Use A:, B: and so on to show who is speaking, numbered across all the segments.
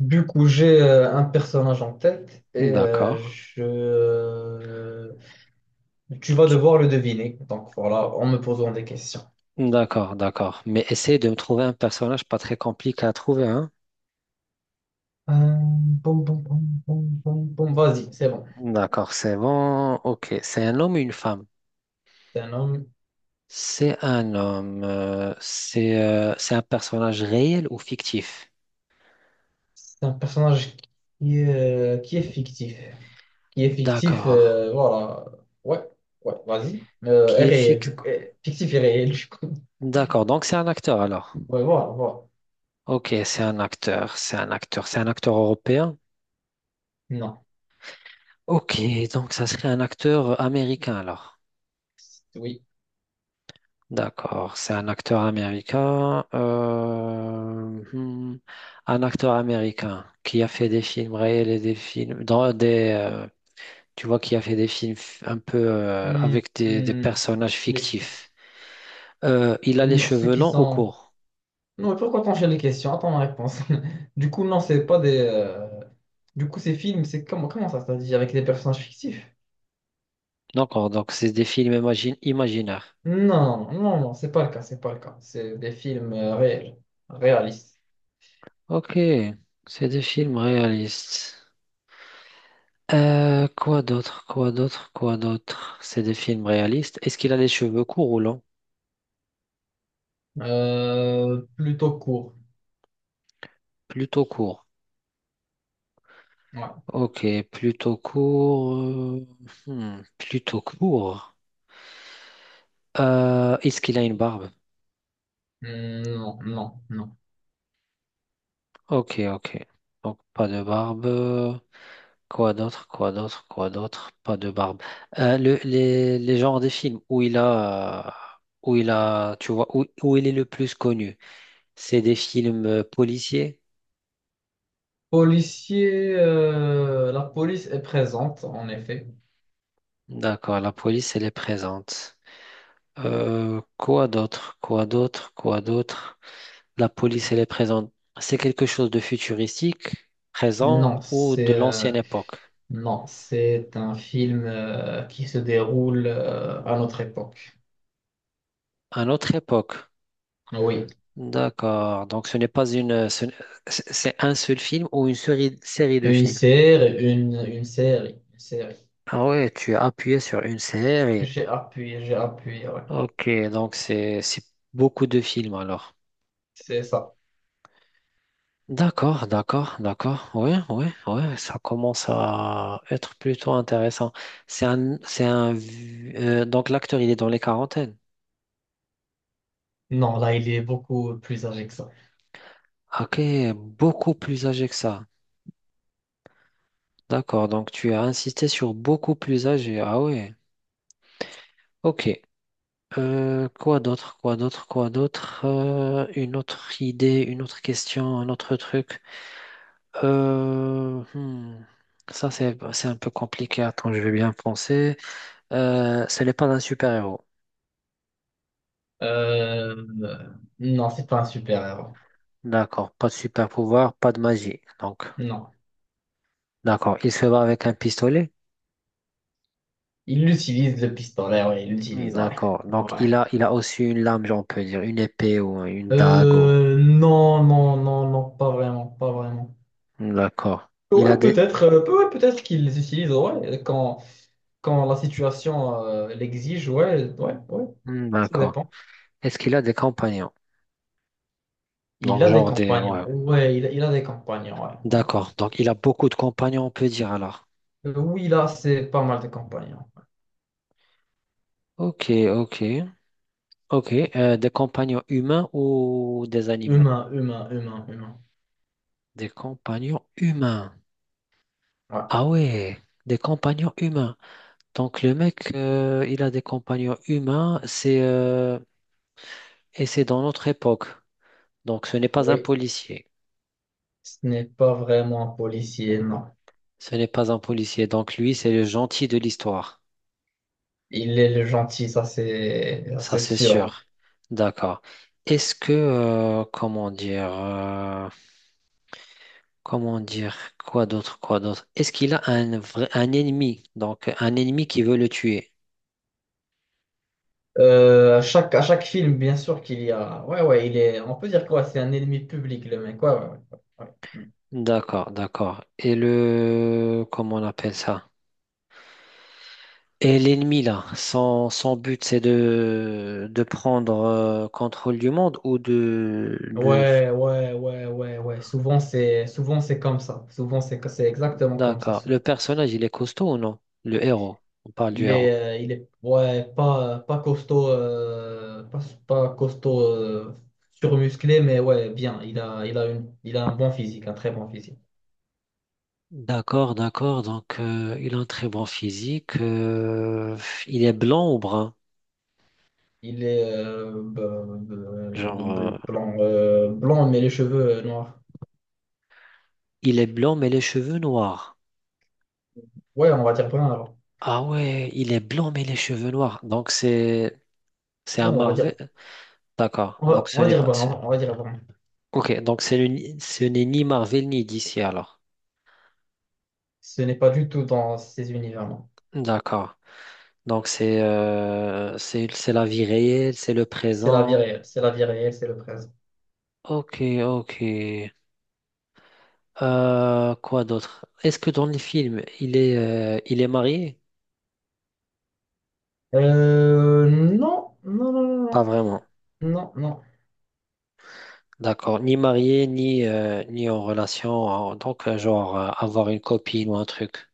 A: Du coup, j'ai un personnage en tête et
B: D'accord.
A: tu vas devoir le deviner. Donc voilà, en me posant des questions.
B: D'accord, d'accord. Mais essaye de me trouver un personnage pas très compliqué à trouver, hein?
A: Euh, bon, bon, bon, bon, bon, bon, vas-y, c'est bon.
B: D'accord, c'est bon. Ok, c'est un homme ou une femme?
A: C'est un homme,
B: C'est un homme. C'est c'est un personnage réel ou fictif?
A: c'est un personnage qui est fictif. Qui est fictif,
B: D'accord.
A: voilà. Ouais, ouais, vas-y. Est
B: Qui est
A: réel,
B: fictif?
A: du coup. Fictif et réel, du coup.
B: D'accord, donc c'est un acteur alors.
A: Ouais, voilà, voilà.
B: Ok, c'est un acteur, c'est un acteur, c'est un acteur européen.
A: Non,
B: Ok, donc ça serait un acteur américain alors.
A: oui.
B: D'accord, c'est un acteur américain. Un acteur américain qui a fait des films réels et des films dans des, tu vois, qui a fait des un peu
A: Hmm,
B: avec des
A: hmm.
B: personnages fictifs.
A: Les-
B: Il a les
A: non, ceux
B: cheveux
A: qui
B: longs ou
A: sont...
B: courts.
A: Non, mais pourquoi t'enchaînes les questions? Attends ma réponse. Du coup, non, c'est pas des. Du coup, ces films, c'est comment ça, c'est-à-dire avec des personnages fictifs?
B: D'accord, donc c'est des films imaginaires.
A: Non, non, non, c'est pas le cas, c'est pas le cas. C'est des films réels, réalistes.
B: Ok, c'est des films réalistes. Quoi d'autre, quoi d'autre, quoi d'autre? C'est des films réalistes. Est-ce qu'il a les cheveux courts ou longs?
A: Plutôt courts.
B: Plutôt courts.
A: Ouais.
B: Ok, plutôt court. Plutôt court. Est-ce qu'il a une barbe?
A: Non, non, non.
B: Ok, ok. Donc pas de barbe. Quoi d'autre? Quoi d'autre? Quoi d'autre? Pas de barbe. Les genres des films où il a, où il a, tu vois, où, où il est le plus connu, c'est des films policiers.
A: Policier, la police est présente, en effet.
B: D'accord, la police, elle est présente. Quoi d'autre? Quoi d'autre? Quoi d'autre? La police, elle est présente. C'est quelque chose de futuristique, présent
A: Non,
B: ou de
A: c'est
B: l'ancienne époque.
A: non, c'est un film qui se déroule à notre époque.
B: À notre époque.
A: Oui.
B: D'accord. Donc ce n'est pas C'est c'est un seul film ou une série, série de
A: Une
B: films.
A: série, une, une série, une série.
B: Ah ouais, tu as appuyé sur une série.
A: J'ai appuyé, ouais.
B: Ok, donc c'est beaucoup de films alors.
A: C'est ça.
B: D'accord, d'accord, d'accord. Ouais, ouais, ouais, ça commence à être plutôt intéressant. Donc l'acteur il est dans les quarantaines.
A: Non, là, il est beaucoup plus âgé que ça.
B: Ok, beaucoup plus âgé que ça. D'accord, donc tu as insisté sur beaucoup plus âgé. Ah ouais, ok. Quoi d'autre, quoi d'autre, quoi d'autre? Une autre idée, une autre question, un autre truc. Euh, hmm, Ça, c'est un peu compliqué. Attends, je vais bien penser. Ce n'est pas un super-héros.
A: Euh, non, c'est pas un super-héros.
B: D'accord, pas de super-pouvoir, pas de magie. Donc,
A: Non.
B: d'accord, il se bat avec un pistolet.
A: Il utilise le pistolet, ouais, il l'utilise, ouais.
B: D'accord, donc
A: Ouais.
B: il a aussi une lame, on peut dire, une épée ou une dague.
A: Non, non, non, non, pas vraiment, pas vraiment.
B: D'accord. Il a des...
A: Ouais, peut-être qu'ils les utilisent, ouais, quand la situation l'exige, ouais, ouais, ouais,
B: Hmm,
A: ça
B: d'accord.
A: dépend.
B: Est-ce qu'il a des compagnons?
A: Il
B: Donc,
A: a des
B: genre des...
A: compagnons,
B: Ouais.
A: ouais, il a des compagnons, ouais. Ouais.
B: D'accord. Donc, il a beaucoup de compagnons, on peut dire alors.
A: Oui, là, c'est pas mal de compagnons.
B: Ok, ok. Ok. Des compagnons humains ou des animaux?
A: Humain, humain, humain, humain.
B: Des compagnons humains.
A: Ouais.
B: Ah ouais. Des compagnons humains. Donc, le mec, il a des compagnons humains. Et c'est dans notre époque. Donc, ce n'est pas un
A: Oui,
B: policier.
A: ce n'est pas vraiment un policier, non.
B: Ce n'est pas un policier. Donc, lui, c'est le gentil de l'histoire.
A: Il est le gentil, ça,
B: Ça,
A: c'est
B: c'est
A: sûr. Ouais.
B: sûr. D'accord. Est-ce que, comment dire, Quoi d'autre, quoi d'autre? Est-ce qu'il a un ennemi, donc un ennemi qui veut le tuer?
A: Euh, à chaque film, bien sûr qu'il y a. Ouais, ouais, il est. On peut dire quoi? C'est un ennemi public, le mec. Ouais, ouais,
B: D'accord, d'accord. Et le, comment on appelle ça? Et l'ennemi là, son but c'est de prendre contrôle du monde ou de...
A: ouais. Ouais, ouais, ouais, ouais, ouais. Ouais. Souvent, c'est comme ça. Souvent, c'est exactement comme ça.
B: D'accord. Le personnage, il est costaud ou non? Le héros. On parle du héros.
A: Il est ouais, pas costaud, euh, pas costaud surmusclé, mais ouais, bien. Il a il a un bon physique, un très bon physique.
B: D'accord, d'accord. Donc, il a un très bon physique. Il est blanc ou brun?
A: Il est
B: Genre,
A: blanc, blanc, mais les cheveux noirs.
B: il est blanc mais les cheveux noirs.
A: Ouais, on va dire brun alors.
B: Ah ouais, il est blanc mais les cheveux noirs. Donc, c'est un
A: Non,
B: Marvel. D'accord. Donc, ce
A: on va
B: n'est
A: dire
B: pas.
A: brun,
B: ce-
A: on va dire brun.
B: Ok, donc c'est le ni- ce n'est ni Marvel ni DC alors.
A: Ce n'est pas du tout dans ces univers, là.
B: D'accord. Donc, c'est la vie réelle, c'est le
A: C'est la vie
B: présent.
A: réelle, c'est la vie réelle, c'est le présent.
B: Ok, ok. Quoi d'autre? Est-ce que dans les films, il est marié?
A: Non, non, non,
B: Pas
A: non,
B: vraiment.
A: non, non, non.
B: D'accord. Ni marié, ni en relation. Donc, genre, avoir une copine ou un truc.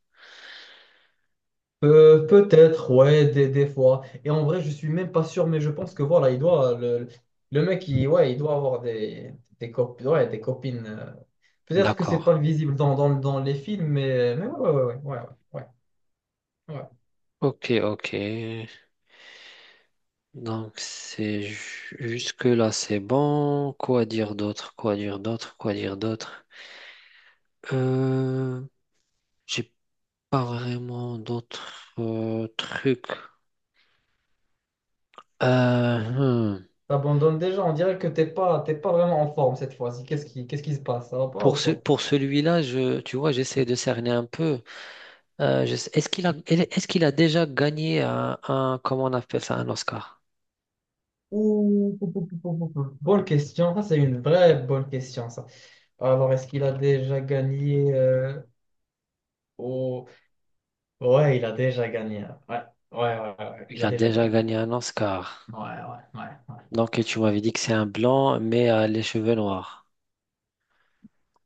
A: Peut-être, ouais, des fois. Et en vrai, je suis même pas sûr, mais je pense que voilà, le mec, ouais, il doit avoir ouais, des copines. Peut-être que c'est
B: D'accord.
A: pas visible dans les films, mais ouais, ouais, ouais, ouais, ouais, ouais. Ouais.
B: Ok, ok. Donc, c'est jusque-là, c'est bon. Quoi dire d'autre? Quoi dire d'autre? Quoi dire d'autre? Euh, j'ai pas vraiment d'autres trucs. Euh, hmm.
A: T'abandonnes déjà, on dirait que t'es pas vraiment en forme cette fois-ci. Qu'est-ce qui se passe? Ça va pas ou
B: Pour
A: quoi?
B: pour celui-là, je, tu vois, j'essaie de cerner un peu. Est-ce qu'il a déjà gagné comment on appelle ça, un Oscar?
A: Ouh, pou, pou, pou, pou, pou, pou. Bonne question. Ça, c'est une vraie bonne question, ça. Alors, est-ce qu'il a déjà gagné ouais, il a déjà gagné. Hein. Ouais, ouais, ouais, ouais, ouais,
B: Il
A: il a
B: a
A: déjà
B: déjà
A: gagné.
B: gagné un Oscar.
A: Ouais, ouais, ouais, ouais.
B: Donc, et tu m'avais dit que c'est un blanc, mais les cheveux noirs.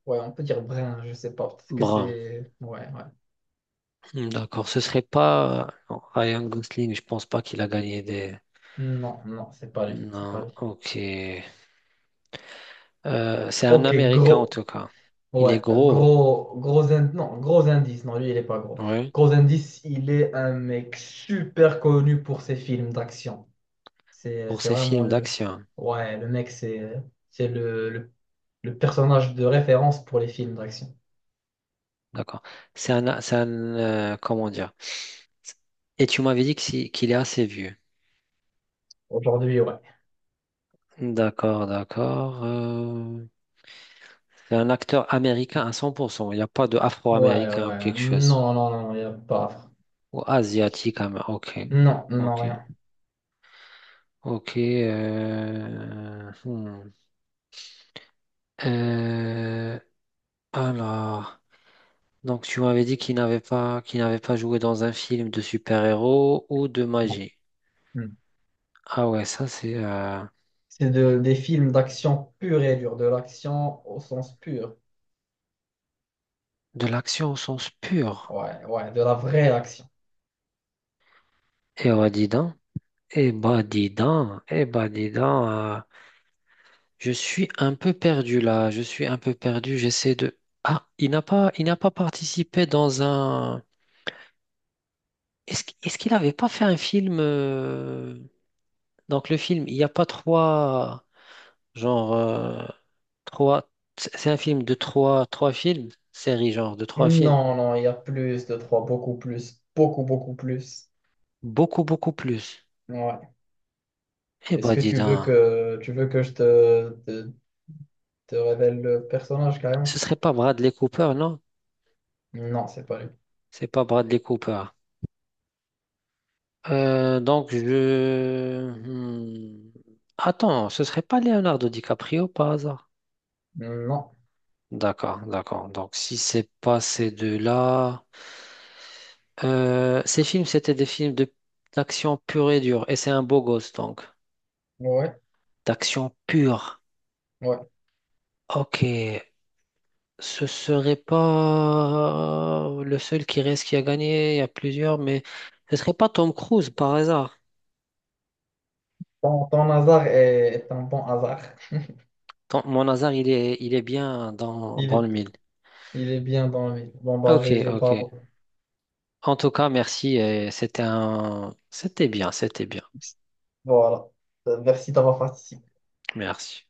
A: Ouais, on peut dire Brin, je sais pas. Peut-être que
B: Brun.
A: c'est. Ouais, ouais.
B: Hmm, d'accord. Ce serait pas Ryan Gosling. Je pense pas qu'il a gagné des.
A: Non, non, c'est pas lui. C'est
B: Non.
A: pas lui.
B: Ok. C'est un
A: Ok,
B: Américain en
A: gros.
B: tout cas. Il est
A: Ouais, euh,
B: gros.
A: gros, gros indice. Non, gros indice. Non, lui, il est pas gros.
B: Oui.
A: Gros indice, il est un mec super connu pour ses films d'action. C'est,
B: Pour
A: c'est
B: ses
A: vraiment
B: films
A: le.
B: d'action.
A: Ouais, le mec, c'est le personnage de référence pour les films d'action.
B: D'accord. C'est un, comment dire? Et tu m'avais dit que qu'il est assez vieux.
A: Aujourd'hui, ouais.
B: D'accord, d'accord. C'est un acteur américain à 100%. Il n'y a pas de
A: Ouais,
B: afro-américain ou
A: ouais.
B: quelque chose.
A: Non, non, non, il n'y a pas.
B: Ou asiatique. Ok.
A: Non, non,
B: Ok.
A: rien.
B: Ok. Hmm. Euh, alors, donc tu m'avais dit qu'il n'avait pas joué dans un film de super-héros ou de
A: Non,
B: magie.
A: non.
B: Ah ouais, ça c'est
A: C'est de, des films d'action pure et dure, de l'action au sens pur.
B: de l'action au sens pur.
A: Ouais, ouais, de la vraie action.
B: Eh bah dis donc. Eh bah dis donc. Je suis un peu perdu là, je suis un peu perdu, j'essaie de... Il n'a pas participé dans un... Est-ce qu'il n'avait pas fait un film Donc le film, il n'y a pas trois... Genre... euh, trois... c'est un film de trois films, série genre de trois films.
A: Non, non, il y a plus de trois, beaucoup plus, beaucoup, beaucoup plus.
B: Beaucoup, beaucoup plus.
A: Ouais.
B: Eh
A: Est-ce
B: ben
A: que
B: dis donc,
A: tu veux que je te révèle le personnage
B: ce
A: carrément?
B: serait pas Bradley Cooper, non?
A: Non, c'est pas lui.
B: C'est pas Bradley Cooper. Donc, je... hmm. Attends, ce serait pas Leonardo DiCaprio par hasard?
A: Non.
B: D'accord, d'accord. Donc, si c'est pas ces deux-là... Ces films, c'était des films de d'action pure et dure. Et c'est un beau gosse, donc.
A: Ouais,
B: D'action pure.
A: ouais.
B: Ok. Ce serait pas le seul qui reste qui a gagné. Il y a plusieurs, mais ce serait pas Tom Cruise par hasard.
A: Ton hasard est un bon hasard.
B: Mon hasard, il est bien dans,
A: Il
B: dans
A: est,
B: le mille.
A: il est bien dans lui. Bon, bah,
B: Ok,
A: j'ai
B: ok.
A: pas.
B: En tout cas, merci. Et c'était un... C'était bien, c'était bien.
A: Voilà. Merci d'avoir participé.
B: Merci.